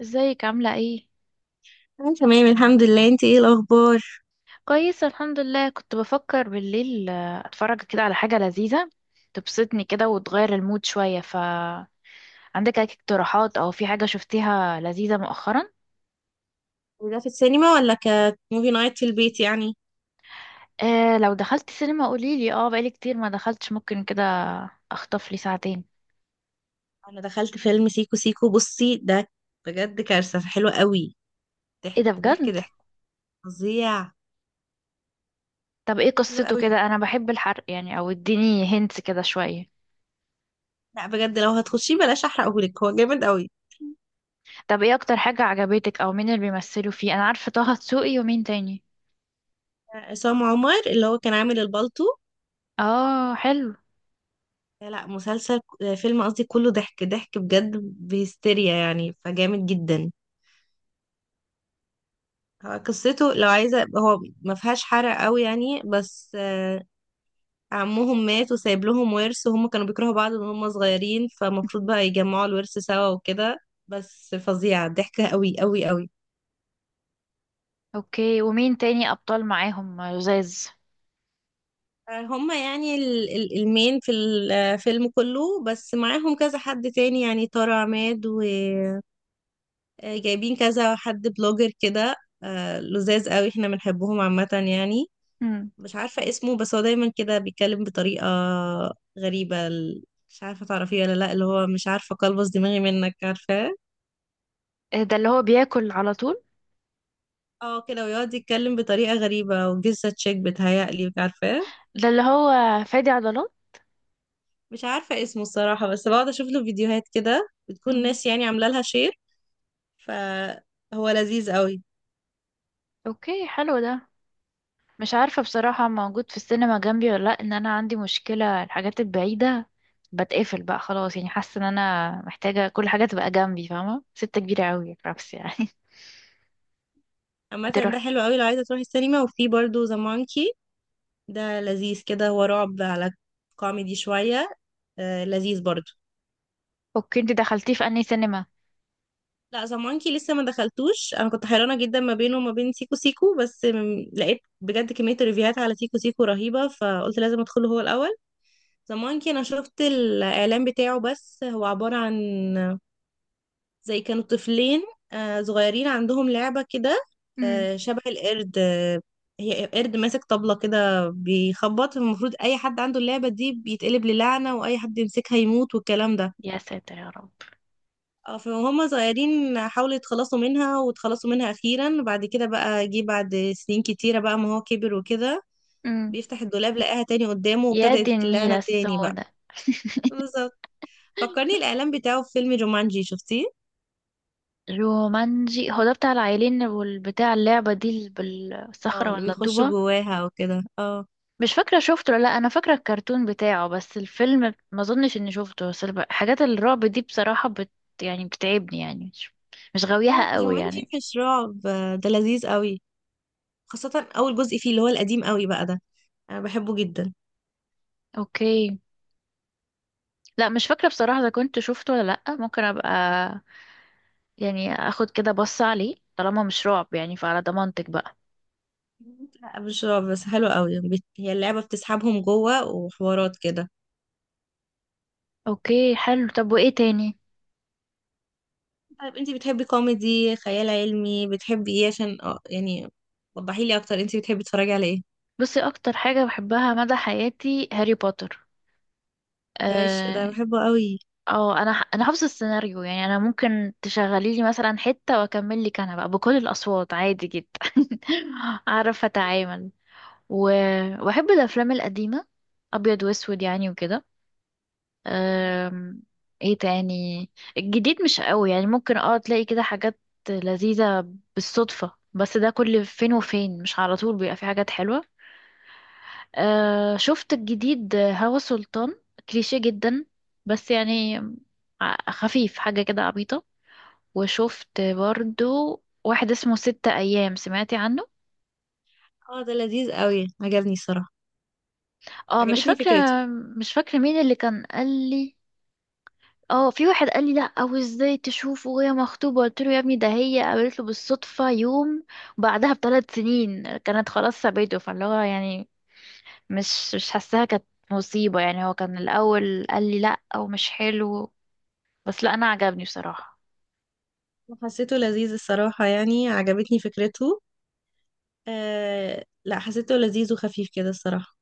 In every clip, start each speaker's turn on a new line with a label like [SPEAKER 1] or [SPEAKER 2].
[SPEAKER 1] ازيك، عاملة ايه؟
[SPEAKER 2] أنا تمام، الحمد لله. انت ايه الاخبار؟
[SPEAKER 1] كويس الحمد لله. كنت بفكر بالليل اتفرج كده على حاجة لذيذة تبسطني كده وتغير المود شوية. ف عندك اي اقتراحات او في حاجة شفتيها لذيذة مؤخرا؟
[SPEAKER 2] وده في السينما ولا كموفي نايت في البيت يعني؟
[SPEAKER 1] آه، لو دخلت سينما قوليلي. اه بقالي كتير ما دخلتش، ممكن كده اخطف لي ساعتين.
[SPEAKER 2] انا دخلت فيلم سيكو سيكو، بصي ده. بجد، كارثة حلوة قوي.
[SPEAKER 1] ايه
[SPEAKER 2] ضحك
[SPEAKER 1] ده
[SPEAKER 2] ضحك
[SPEAKER 1] بجد؟
[SPEAKER 2] ضحك. فظيع.
[SPEAKER 1] طب ايه
[SPEAKER 2] حلو
[SPEAKER 1] قصته؟
[SPEAKER 2] قوي.
[SPEAKER 1] كده انا بحب الحرق يعني، او اديني هنت كده شوية.
[SPEAKER 2] لا بجد، لو هتخشيه بلاش احرقهولك، هو جامد قوي.
[SPEAKER 1] طب ايه اكتر حاجة عجبتك، او مين اللي بيمثلوا فيه؟ انا عارفة طه دسوقي، ومين تاني؟
[SPEAKER 2] عصام عمر اللي هو كان عامل البالتو.
[SPEAKER 1] اه، حلو.
[SPEAKER 2] لا مسلسل، فيلم قصدي. كله ضحك ضحك بجد بهستيريا يعني، فجامد جدا. هو قصته لو عايزة، هو ما فيهاش حرق قوي يعني بس. عمهم مات وسايب لهم ورث، وهم كانوا بيكرهوا بعض من هم صغيرين، فمفروض بقى يجمعوا الورث سوا وكده. بس فظيعة، ضحكة قوي قوي قوي.
[SPEAKER 1] اوكي، ومين تاني ابطال معاهم لزاز؟
[SPEAKER 2] هم يعني المين في الفيلم كله، بس معاهم كذا حد تاني يعني، تارة عماد. وجايبين كذا حد بلوجر كده. لذاذ قوي، احنا بنحبهم عامة يعني.
[SPEAKER 1] مم.
[SPEAKER 2] مش عارفة اسمه، بس هو دايما كده بيتكلم بطريقة غريبة مش عارفة تعرفيه ولا لا، اللي هو مش عارفة قلبص دماغي منك، عارفة.
[SPEAKER 1] إيه ده اللي هو بياكل على طول؟
[SPEAKER 2] اه كده، ويقعد يتكلم بطريقة غريبة وجزة تشيك، بتهيألي مش عارفة.
[SPEAKER 1] ده اللي هو فادي عضلات.
[SPEAKER 2] مش عارفة اسمه الصراحة، بس بقعد اشوف له فيديوهات كده بتكون
[SPEAKER 1] مم.
[SPEAKER 2] ناس يعني عاملة لها شير، فهو لذيذ قوي.
[SPEAKER 1] اوكي، حلو ده. مش عارفة بصراحة موجود في السينما جنبي ولا لا، ان انا عندي مشكلة الحاجات البعيدة بتقفل بقى خلاص. يعني حاسة ان انا محتاجة كل حاجة تبقى جنبي، فاهمة؟ ستة كبيرة قوي رأس يعني.
[SPEAKER 2] عامة
[SPEAKER 1] انت
[SPEAKER 2] ده
[SPEAKER 1] رحت؟
[SPEAKER 2] حلو قوي لو عايزة تروحي السينما، وفي برضه ذا مونكي. ده لذيذ كده، هو رعب على كوميدي شوية. لذيذ برضه.
[SPEAKER 1] اوكي، انت دخلتيه في انهي سينما؟
[SPEAKER 2] لا ذا مونكي لسه ما دخلتوش، انا كنت حيرانة جدا ما بينه وما بين سيكو سيكو، بس لقيت بجد كمية ريفيوهات على سيكو سيكو رهيبة، فقلت لازم ادخله هو الأول. ذا مونكي انا شفت الاعلان بتاعه، بس هو عبارة عن زي كانوا طفلين، صغيرين عندهم لعبة كده.
[SPEAKER 1] مم.
[SPEAKER 2] شبه القرد. هي قرد ماسك طبلة كده بيخبط، المفروض اي حد عنده اللعبة دي بيتقلب للعنة، واي حد يمسكها يموت والكلام ده.
[SPEAKER 1] يا ساتر يا رب.
[SPEAKER 2] فهم صغيرين حاولوا يتخلصوا منها، واتخلصوا منها اخيرا. بعد كده بقى جه بعد سنين كتيرة بقى، ما هو كبر وكده،
[SPEAKER 1] مم.
[SPEAKER 2] بيفتح الدولاب لقاها تاني قدامه،
[SPEAKER 1] يا دي
[SPEAKER 2] وابتدت اللعنة
[SPEAKER 1] النيلة
[SPEAKER 2] تاني بقى.
[SPEAKER 1] السوداء.
[SPEAKER 2] بالظبط. فكرني الاعلان بتاعه في فيلم جومانجي، شفتيه؟
[SPEAKER 1] رومانجي، هو ده بتاع العيلين والبتاع اللعبة دي
[SPEAKER 2] اه،
[SPEAKER 1] بالصخرة
[SPEAKER 2] اللي
[SPEAKER 1] ولا
[SPEAKER 2] بيخش
[SPEAKER 1] الطوبة؟
[SPEAKER 2] جواها وكده، اه.
[SPEAKER 1] مش فاكرة شفته ولا لا. أنا فاكرة الكرتون بتاعه، بس الفيلم ما أظنش إني شفته. بس حاجات الرعب دي بصراحة يعني بتعبني، يعني مش
[SPEAKER 2] لا
[SPEAKER 1] غاويها قوي
[SPEAKER 2] جومانجي
[SPEAKER 1] يعني.
[SPEAKER 2] مش رعب، ده لذيذ قوي، خاصة اول جزء فيه اللي هو القديم قوي بقى ده، انا بحبه جدا.
[SPEAKER 1] أوكي. لا، مش فاكرة بصراحة إذا كنت شفته ولا لأ. ممكن أبقى يعني أخد كده بص عليه طالما مش رعب، يعني فعلى ضمانتك بقى.
[SPEAKER 2] لا مش رعب بس حلو قوي. هي اللعبة بتسحبهم جوه وحوارات كده.
[SPEAKER 1] أوكي، حلو. طب وإيه تاني؟
[SPEAKER 2] طيب انتي بتحبي كوميدي، خيال علمي، بتحبي ايه عشان اه يعني، وضحي لي اكتر انتي بتحبي تتفرجي على ايه.
[SPEAKER 1] بصي، أكتر حاجة بحبها مدى حياتي هاري بوتر.
[SPEAKER 2] ده عيش،
[SPEAKER 1] آه،
[SPEAKER 2] ده بحبه قوي.
[SPEAKER 1] انا حافظه السيناريو يعني، انا ممكن تشغلي لي مثلا حته واكمل لك انا بقى بكل الاصوات عادي جدا. اعرف اتعامل. و... واحب الافلام القديمه ابيض واسود يعني وكده.
[SPEAKER 2] مم.
[SPEAKER 1] أم... ايه تاني؟ الجديد مش قوي، يعني ممكن تلاقي كده حاجات لذيذه بالصدفه، بس ده كل فين وفين، مش على طول بيبقى في حاجات حلوه. شفت الجديد هوا سلطان؟ كليشيه جدا بس يعني، خفيف حاجة كده عبيطة. وشفت برضو واحد اسمه ستة أيام، سمعتي عنه؟
[SPEAKER 2] اه، ده لذيذ قوي، عجبني الصراحة.
[SPEAKER 1] اه، مش
[SPEAKER 2] عجبتني
[SPEAKER 1] فاكرة.
[SPEAKER 2] فكرته.
[SPEAKER 1] مش فاكرة مين اللي كان قال لي. اه، في واحد قال لي لا، او ازاي تشوفه وهي مخطوبة؟ قلت له يا ابني ده هي قابلت له بالصدفة يوم بعدها ب3 سنين، كانت خلاص سابته، فاللي هو يعني مش حاساها كانت مصيبة يعني. هو كان الأول قال لي لأ ومش حلو، بس لا، انا عجبني بصراحه.
[SPEAKER 2] حسيته لذيذ الصراحة يعني، عجبتني فكرته. لا، حسيته لذيذ وخفيف كده الصراحة.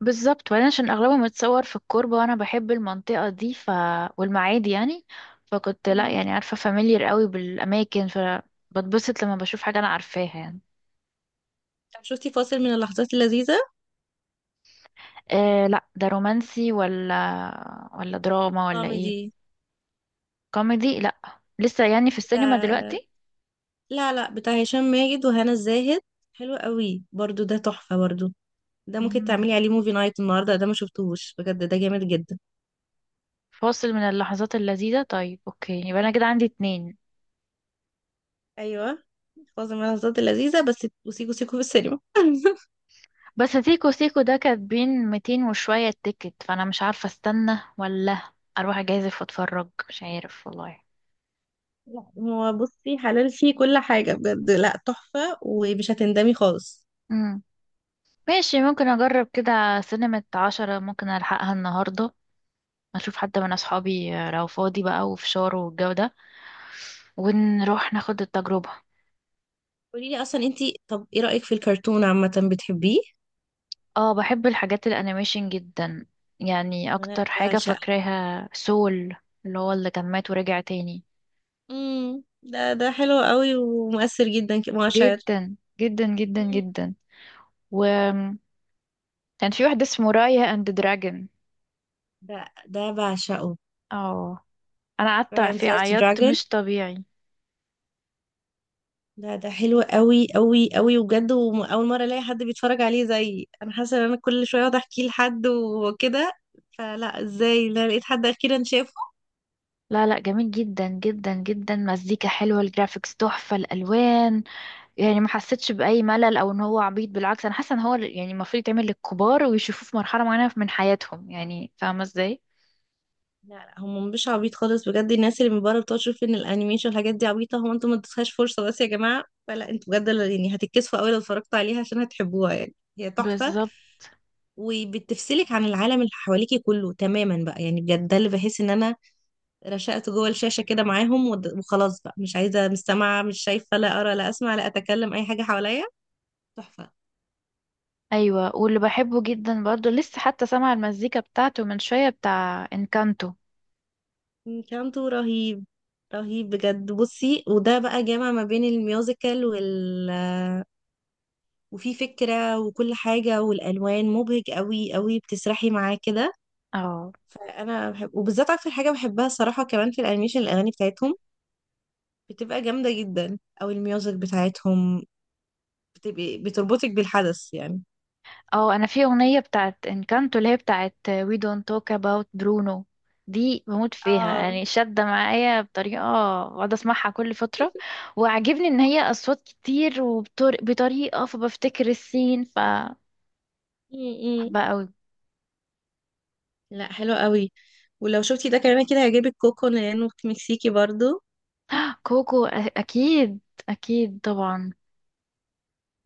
[SPEAKER 1] بالظبط، وبعدين عشان اغلبه متصور في الكوربه، وانا بحب المنطقه دي، ف والمعادي يعني. فكنت لا
[SPEAKER 2] مم.
[SPEAKER 1] يعني عارفه فاميليار قوي بالاماكن، فبتبسط لما بشوف حاجه انا عارفاها يعني.
[SPEAKER 2] طب شفتي فاصل من اللحظات اللذيذة؟
[SPEAKER 1] آه لا، ده رومانسي ولا دراما ولا ايه؟
[SPEAKER 2] كوميدي.
[SPEAKER 1] كوميدي؟ لا، لسه يعني في السينما
[SPEAKER 2] بتاع،
[SPEAKER 1] دلوقتي.
[SPEAKER 2] لا لا، بتاع هشام ماجد وهنا الزاهد. حلو قوي برضو، ده تحفة برضو. ده ممكن
[SPEAKER 1] مم.
[SPEAKER 2] تعملي عليه موفي نايت النهاردة، ده ما شفتوش بجد، ده جامد جدا.
[SPEAKER 1] فاصل من اللحظات اللذيذه. طيب اوكي، يبقى انا كده عندي اتنين.
[SPEAKER 2] أيوة. فاصل من اللحظات اللذيذة بس، وسيكو سيكو في السينما.
[SPEAKER 1] بس سيكو سيكو ده كاتبين 200 وشوية تيكت، فأنا مش عارفة استنى ولا أروح أجازف وأتفرج، مش عارف والله.
[SPEAKER 2] لا، هو بصي حلال فيه كل حاجة بجد، لا تحفة ومش هتندمي خالص.
[SPEAKER 1] مم. ماشي، ممكن أجرب كده. سينما 10 ممكن ألحقها النهاردة، أشوف حد من أصحابي لو فاضي بقى وفشار والجو ده، ونروح ناخد التجربة.
[SPEAKER 2] قولي لي اصلا انتي، طب ايه رأيك في الكرتون عامة، بتحبيه؟
[SPEAKER 1] اه، بحب الحاجات الأنيميشن جدا. يعني
[SPEAKER 2] انا
[SPEAKER 1] أكتر حاجة
[SPEAKER 2] بعشقها.
[SPEAKER 1] فاكراها سول، اللي هو اللي كان مات ورجع تاني.
[SPEAKER 2] ده حلو قوي ومؤثر جدا كمؤشر.
[SPEAKER 1] جدا جدا جدا
[SPEAKER 2] امم.
[SPEAKER 1] جدا. كان في واحد اسمه رايا اند دراجون.
[SPEAKER 2] ده ده بعشقه.
[SPEAKER 1] اه، انا قعدت
[SPEAKER 2] Friends
[SPEAKER 1] في
[SPEAKER 2] Last
[SPEAKER 1] عيطت
[SPEAKER 2] Dragon.
[SPEAKER 1] مش طبيعي.
[SPEAKER 2] ده حلو قوي قوي قوي، وبجد واول مرة الاقي حد بيتفرج عليه زي انا، حاسة ان انا كل شوية اقعد احكيه لحد وكده، فلا ازاي، لا لقيت حد اخيرا شافه.
[SPEAKER 1] لا لا، جميل جدا جدا جدا. مزيكا حلوة، الجرافيكس تحفة، الألوان، يعني ما حسيتش بأي ملل أو إن هو عبيط. بالعكس أنا حاسة إن هو يعني المفروض يتعمل للكبار ويشوفوه في مرحلة معينة من حياتهم، يعني فاهمة إزاي؟
[SPEAKER 2] لا لا، هم مش عبيط خالص بجد. الناس اللي من بره بتقعد تشوف ان الانيميشن والحاجات دي عبيطه، هو انتوا ما ادتوهاش فرصه بس يا جماعه، فلا انتوا بجد يعني هتتكسفوا قوي لو اتفرجتوا عليها عشان هتحبوها يعني، هي تحفه.
[SPEAKER 1] بالظبط.
[SPEAKER 2] وبتفصلك عن العالم اللي حواليكي كله تماما بقى يعني، بجد ده اللي بحس ان انا رشقت جوه الشاشه كده معاهم، وخلاص بقى مش عايزه، مستمعه مش شايفه، لا ارى لا اسمع لا اتكلم اي حاجه حواليا. تحفه.
[SPEAKER 1] أيوة، واللي بحبه جدا برضه لسه، حتى سامعة المزيكا بتاعته من شوية بتاع إنكانتو.
[SPEAKER 2] انكانتو رهيب. رهيب بجد. بصي، وده بقى جامع ما بين الميوزيكال وال، وفي فكرة وكل حاجة، والألوان مبهج قوي قوي، بتسرحي معاه كده.
[SPEAKER 1] اه
[SPEAKER 2] فأنا بحب، وبالذات أكتر حاجة بحبها الصراحة كمان في الأنيميشن، الأغاني بتاعتهم بتبقى جامدة جدا، أو الميوزك بتاعتهم بتبقى بتربطك بالحدث يعني.
[SPEAKER 1] اه، انا في اغنيه بتاعت انكانتو اللي هي بتاعت We don't talk about Bruno. دي بموت فيها
[SPEAKER 2] اه.
[SPEAKER 1] يعني، شادة معايا بطريقة، بقعد اسمعها كل فترة. وعجبني ان هي اصوات كتير وبطريقة، فبفتكر السين فبحبها
[SPEAKER 2] م- م.
[SPEAKER 1] قوي.
[SPEAKER 2] لا، حلو قوي. ولو شفتي ده كمان كده هيعجبك كوكو، لأنه مكسيكي برضو.
[SPEAKER 1] كوكو اكيد، اكيد طبعا.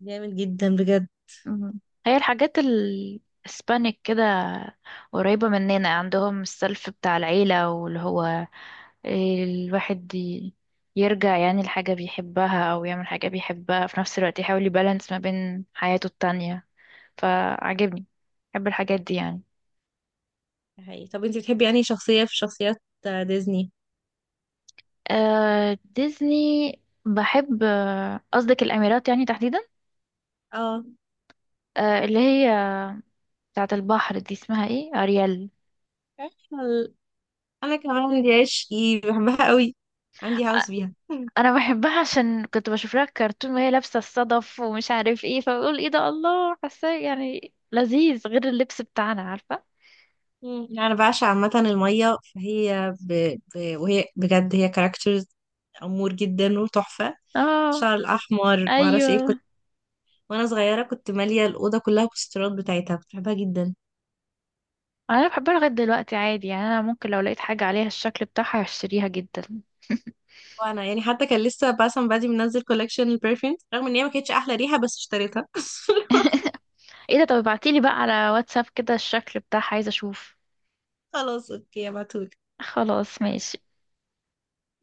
[SPEAKER 2] جامد جدا بجد.
[SPEAKER 1] مم. هي الحاجات الاسبانيك كده قريبة مننا. عندهم السلف بتاع العيلة، واللي هو الواحد يرجع يعني لحاجة بيحبها أو يعمل حاجة بيحبها في نفس الوقت، يحاول يبالانس ما بين حياته التانية، فعجبني. بحب الحاجات دي يعني.
[SPEAKER 2] حقيقي. طب انت بتحبي يعني شخصية في شخصيات ديزني؟
[SPEAKER 1] آه، ديزني. بحب، قصدك الأميرات يعني تحديدا؟ آه، اللي هي بتاعة البحر دي اسمها ايه؟ أريال.
[SPEAKER 2] اه، انا كمان دي عشقي، بحبها قوي، عندي هوس بيها.
[SPEAKER 1] انا بحبها عشان كنت بشوف لها كرتون وهي لابسه الصدف ومش عارف ايه، فبقول ايه ده، الله حاساه يعني لذيذ، غير اللبس بتاعنا، عارفه؟
[SPEAKER 2] مم. يعني انا بعشق عامه الميه، فهي وهي بجد هي كاركترز امور جدا وتحفه.
[SPEAKER 1] اه،
[SPEAKER 2] الشعر الاحمر ما اعرفش ايه، كنت
[SPEAKER 1] ايوه.
[SPEAKER 2] وانا صغيره كنت ماليه الاوضه كلها بوسترات بتاعتها، كنت بحبها جدا.
[SPEAKER 1] انا بحبها لغايه دلوقتي عادي يعني، انا ممكن لو لقيت حاجه عليها الشكل بتاعها هشتريها جدا.
[SPEAKER 2] وانا يعني حتى كان لسه باسم بادي منزل كولكشن البرفيومز، رغم ان هي ما كانتش احلى ريحه بس اشتريتها.
[SPEAKER 1] ايه ده؟ طب ابعتيلي بقى على واتساب كده الشكل بتاعها، عايزه اشوف.
[SPEAKER 2] خلاص اوكي، ابعتهولي.
[SPEAKER 1] خلاص، ماشي.